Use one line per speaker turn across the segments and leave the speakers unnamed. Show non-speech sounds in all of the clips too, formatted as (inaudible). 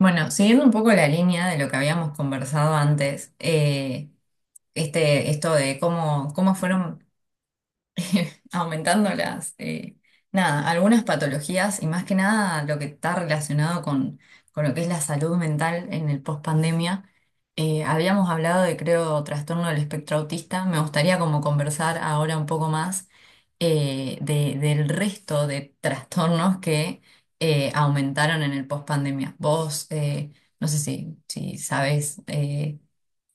Bueno, siguiendo un poco la línea de lo que habíamos conversado antes, esto de cómo fueron (laughs) aumentando las, nada, algunas patologías y más que nada lo que está relacionado con lo que es la salud mental en el post-pandemia. Habíamos hablado de, creo, trastorno del espectro autista. Me gustaría como conversar ahora un poco más, del resto de trastornos que aumentaron en el post-pandemia. Vos, no sé si sabes, eh,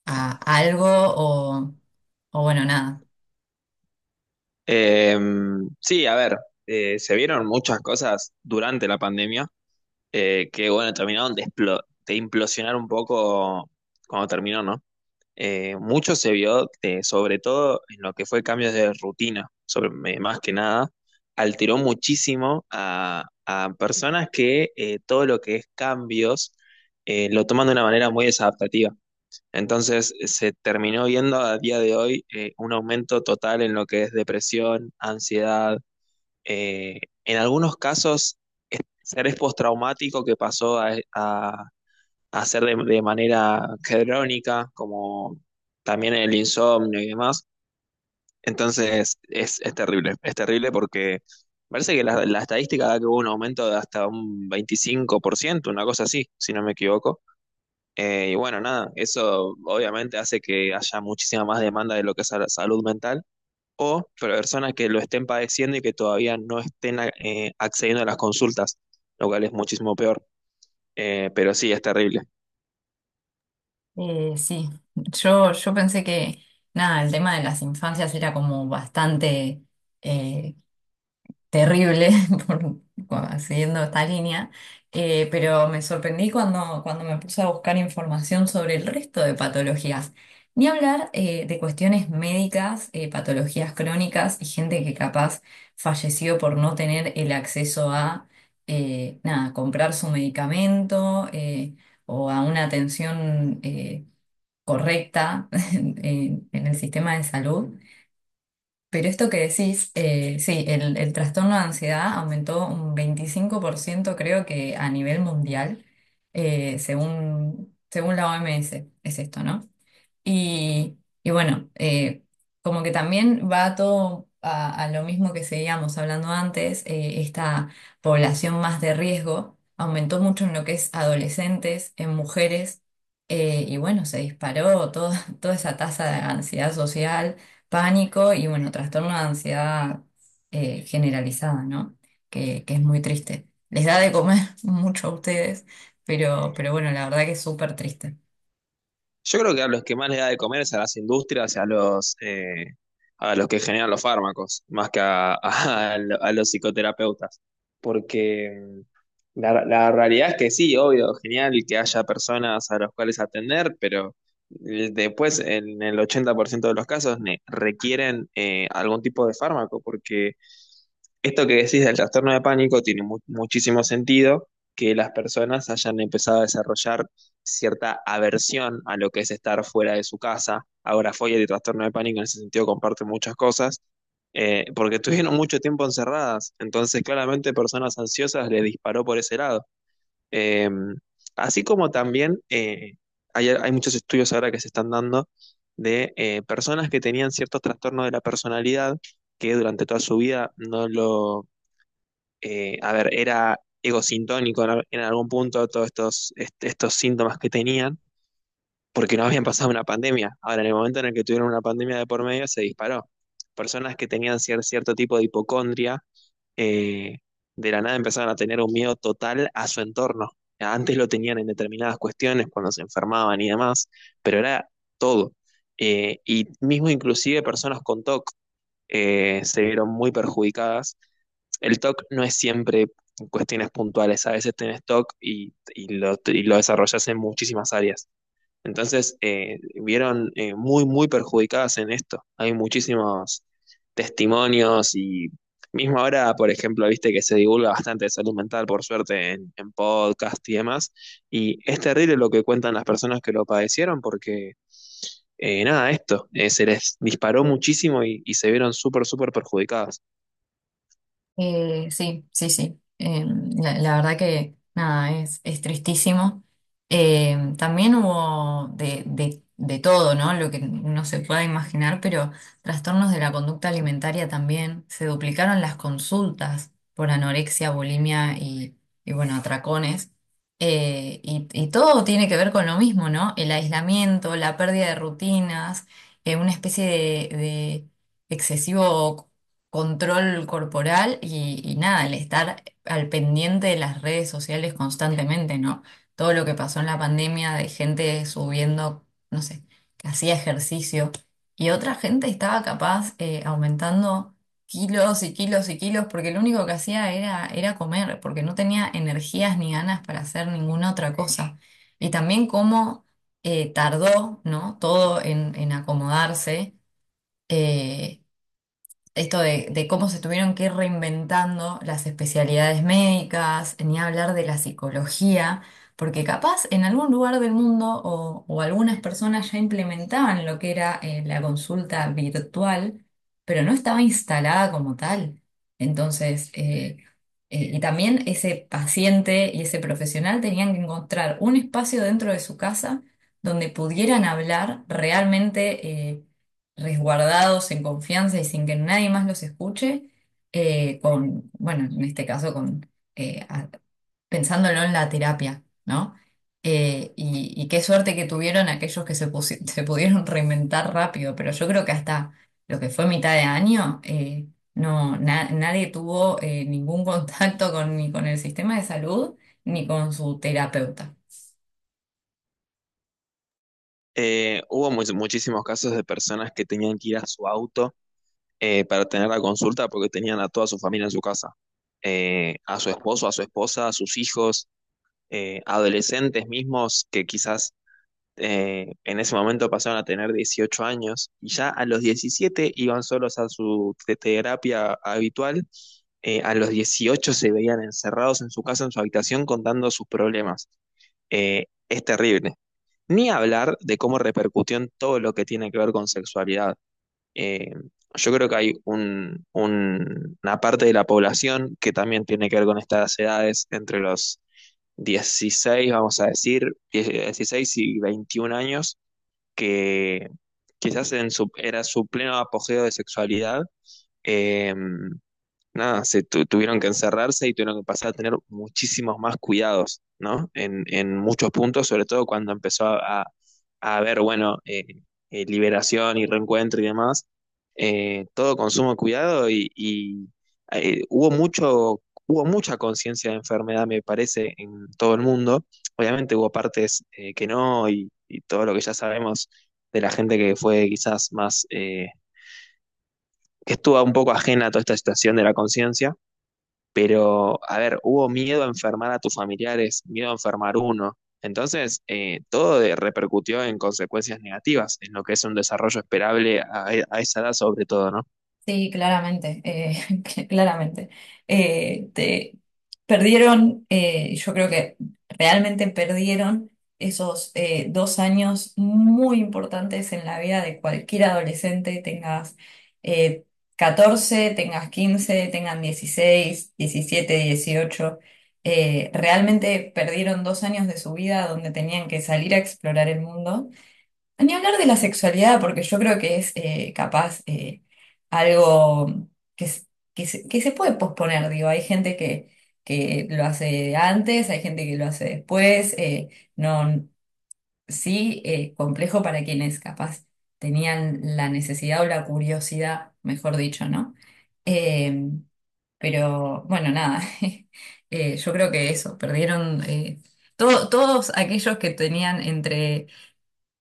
a- algo o bueno, nada.
Eh, sí, a ver, se vieron muchas cosas durante la pandemia que, bueno, terminaron de, de implosionar un poco cuando terminó, ¿no? Mucho se vio, sobre todo en lo que fue cambios de rutina, sobre, más que nada, alteró muchísimo a personas que todo lo que es cambios lo toman de una manera muy desadaptativa. Entonces se terminó viendo a día de hoy un aumento total en lo que es depresión, ansiedad, en algunos casos estrés postraumático que pasó a ser de manera crónica, como también el insomnio y demás. Entonces es terrible porque parece que la estadística da que hubo un aumento de hasta un 25%, una cosa así, si no me equivoco. Y bueno, nada, eso obviamente hace que haya muchísima más demanda de lo que es la salud mental o personas que lo estén padeciendo y que todavía no estén accediendo a las consultas, lo cual es muchísimo peor. Pero sí, es terrible.
Sí, yo pensé que, nada, el tema de las infancias era como bastante, eh, terrible, (laughs) por, siguiendo esta línea, pero me sorprendí cuando me puse a buscar información sobre el resto de patologías. Ni hablar, de cuestiones médicas, patologías crónicas y gente que capaz falleció por no tener el acceso a, nada, comprar su medicamento, o a una atención correcta (laughs) en el sistema de salud. Pero esto que decís, sí, el trastorno de ansiedad aumentó un 25%, creo que a nivel mundial, según la OMS, es esto, ¿no? Y bueno, como que también va todo a lo mismo que seguíamos hablando antes, esta población más de riesgo aumentó mucho en lo que es adolescentes, en mujeres, bueno, se disparó (laughs) toda esa tasa de ansiedad social, pánico y bueno, trastorno de ansiedad generalizada, ¿no? Que es muy triste. Les da de comer (laughs) mucho a ustedes, pero, bueno, la verdad que es súper triste.
Yo creo que a los que más les da de comer es a las industrias y a los que generan los fármacos, más que a, (laughs) a los psicoterapeutas. Porque la, la realidad es que sí, obvio, genial que haya personas a las cuales atender, pero después en el 80% de los casos requieren algún tipo de fármaco, porque esto que decís del trastorno de pánico tiene muchísimo sentido que las personas hayan empezado a desarrollar cierta aversión a lo que es estar fuera de su casa. Ahora fobia y trastorno de pánico en ese sentido comparten muchas cosas, porque estuvieron mucho tiempo encerradas. Entonces, claramente, personas ansiosas les disparó por ese lado. Eh, Así como también hay, hay muchos estudios ahora que se están dando de personas que tenían ciertos trastornos de la personalidad que durante toda su vida no lo a ver, era egosintónico en, en algún punto todos estos, estos síntomas que tenían, porque no habían pasado una pandemia. Ahora, en el momento en el que tuvieron una pandemia de por medio, se disparó. Personas que tenían cierto tipo de hipocondria, eh, de la nada empezaron a tener un miedo total a su entorno. Antes lo tenían en determinadas cuestiones, cuando se enfermaban y demás, pero era todo. Y mismo inclusive personas con TOC se vieron muy perjudicadas. El TOC no es siempre cuestiones puntuales, a veces tenés TOC y lo desarrollas en muchísimas áreas. Entonces, vieron muy, muy perjudicadas en esto. Hay muchísimos testimonios y mismo ahora, por ejemplo, viste que se divulga bastante de salud mental, por suerte, en podcast y demás. Y es terrible lo que cuentan las personas que lo padecieron porque, nada, esto, se les disparó muchísimo y se vieron súper, súper perjudicadas.
Sí, sí, sí. La verdad que nada, es tristísimo. También hubo de todo, ¿no? Lo que no se pueda imaginar, pero trastornos de la conducta alimentaria también. Se duplicaron las consultas por anorexia, bulimia y bueno, atracones. Y todo tiene que ver con lo mismo, ¿no? El aislamiento, la pérdida de rutinas, una especie de excesivo control corporal y nada, el estar al pendiente de las redes sociales constantemente, ¿no? Todo lo que pasó en la pandemia de gente subiendo, no sé, que hacía ejercicio y otra gente estaba capaz, aumentando kilos y kilos y kilos porque lo único que hacía era comer, porque no tenía energías ni ganas para hacer ninguna otra cosa. Y también cómo, tardó, ¿no? Todo en acomodarse. eh, Esto de cómo se tuvieron que ir reinventando las especialidades médicas, ni hablar de la psicología, porque capaz en algún lugar del mundo o algunas personas ya implementaban lo que era, la consulta virtual, pero no estaba instalada como tal. Entonces, y también ese paciente y ese profesional tenían que encontrar un espacio dentro de su casa donde pudieran hablar realmente, resguardados en confianza y sin que nadie más los escuche, con, bueno, en este caso con, eh, a- pensándolo en la terapia, ¿no? Y qué suerte que tuvieron aquellos que (laughs) se pudieron reinventar rápido, pero yo creo que hasta lo que fue mitad de año, nadie tuvo, ningún (laughs) contacto ni con el sistema de salud ni con su terapeuta.
Hubo muchísimos casos de personas que tenían que ir a su auto para tener la consulta porque tenían a toda su familia en su casa. A su esposo, a su esposa, a sus hijos, adolescentes mismos que quizás en ese momento pasaron a tener 18 años y ya a los 17 iban solos a su terapia habitual. A los 18 se veían encerrados en su casa, en su habitación, contando sus problemas. Es terrible. Ni hablar de cómo repercutió en todo lo que tiene que ver con sexualidad. Eh, yo creo que hay una parte de la población que también tiene que ver con estas edades, entre los 16, vamos a decir, 16 y 21 años, que quizás en su, era su pleno apogeo de sexualidad. eh, Nada, se tuvieron que encerrarse y tuvieron que pasar a tener muchísimos más cuidados, ¿no? En muchos puntos, sobre todo cuando empezó a, a haber, bueno, liberación y reencuentro y demás, todo consumo de cuidado y, hubo mucho, hubo mucha conciencia de enfermedad, me parece, en todo el mundo. Obviamente hubo partes que no y, y todo lo que ya sabemos de la gente que fue quizás más, que estuvo un poco ajena a toda esta situación de la conciencia, pero, a ver, hubo miedo a enfermar a tus familiares, miedo a enfermar uno. Entonces, todo repercutió en consecuencias negativas, en lo que es un desarrollo esperable a esa edad sobre todo, ¿no?
Sí, claramente, (laughs) que claramente. Eh, te- Perdieron, yo creo que realmente perdieron esos, dos años muy importantes en la vida de cualquier adolescente, tengas, eh, 14, tengas 15, tengan 16, 17, 18. Realmente perdieron dos años de su vida donde tenían que salir a explorar el mundo, ni hablar de la sexualidad, porque yo creo que es, capaz, algo que, s- que se puede posponer, digo, hay gente que lo hace antes, hay gente que lo hace después, no, sí, complejo para quienes capaz tenían la necesidad o la curiosidad, mejor dicho, ¿no? Eh, pero bueno, nada, (laughs) yo creo que eso, perdieron, todos aquellos que tenían entre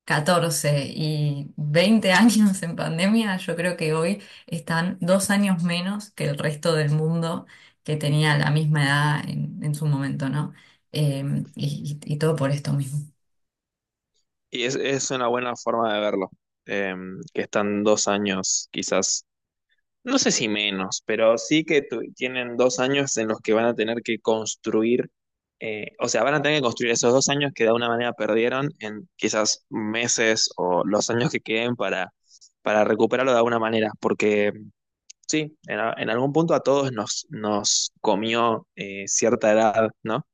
14 y 20 años en pandemia, yo creo que hoy están dos años menos que el resto del mundo que tenía la misma edad en su momento, ¿no? Y todo por esto mismo.
Y es una buena forma de verlo, eh, que están dos años quizás. No sé si menos, pero sí que tienen dos años en los que van a tener que construir, o sea, van a tener que construir esos dos años que de alguna manera perdieron en quizás meses o los años que queden para recuperarlo de alguna manera, porque sí, en, en algún punto a todos nos, nos comió cierta edad, ¿no?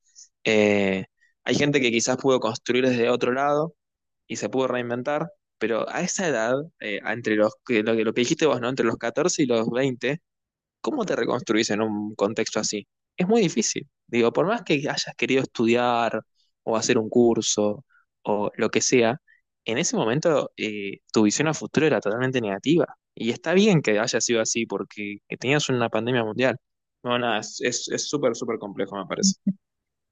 Eh, Hay gente que quizás pudo construir desde otro lado y se pudo reinventar, pero a esa edad, entre los, que- lo que dijiste vos, ¿no? Entre los 14 y los 20, ¿cómo te reconstruís en un contexto así? Es muy difícil. Digo, por más que hayas querido estudiar o hacer un curso o lo que sea, en ese momento tu visión a futuro era totalmente negativa. Y está bien que haya sido así porque tenías una pandemia mundial. No, nada, es es súper, súper complejo, me parece.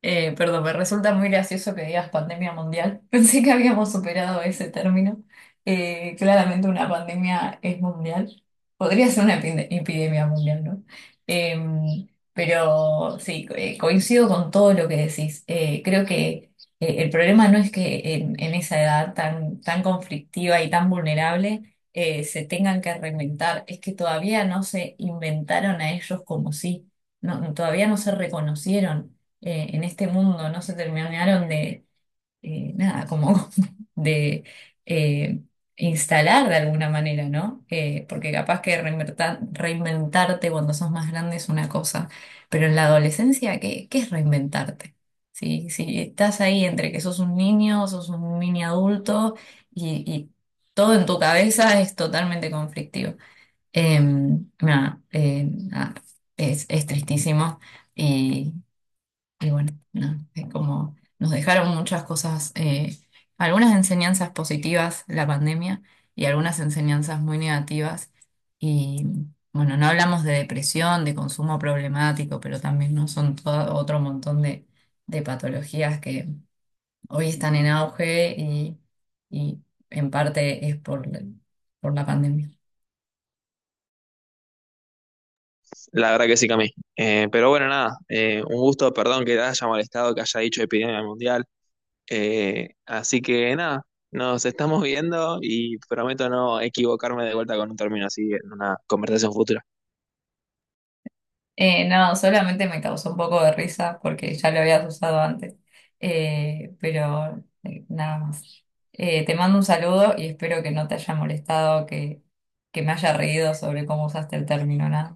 Perdón, me resulta muy gracioso que digas pandemia mundial. (laughs) Pensé que habíamos superado ese término. Claramente una pandemia es mundial. Podría ser una epidemia mundial, ¿no? Em, pero sí, coincido con todo lo que decís. Creo que, el problema no es que en esa edad tan, tan conflictiva y tan vulnerable, se tengan que reinventar. Es que todavía no se inventaron a ellos como sí. No, todavía no se reconocieron, en este mundo, no se terminaron de, nada, como (laughs) de, eh, instalar de alguna manera, ¿no? Porque capaz que reinventarte cuando sos más grande es una cosa, pero en la adolescencia, ¿qué es reinventarte? Si estás ahí entre que sos un niño, sos un mini adulto y todo en tu cabeza es totalmente conflictivo. Nada, nada, es tristísimo. y y bueno, no es como nos dejaron muchas cosas, algunas enseñanzas positivas la pandemia y algunas enseñanzas muy negativas. Y bueno, no hablamos de depresión, de consumo problemático, pero también no son todo otro montón de patologías que hoy están en auge y en parte es por la pandemia.
La verdad que sí, Cami. Pero bueno, nada, un gusto, perdón que te haya molestado, que haya dicho epidemia mundial. Así que nada, nos estamos viendo y prometo no equivocarme de vuelta con un término así en una conversación futura.
No, solamente me causó un poco de risa porque ya lo habías usado antes. Pero, nada más. Te mando un saludo y espero que no te haya molestado, que, me haya reído sobre cómo usaste el término, nada.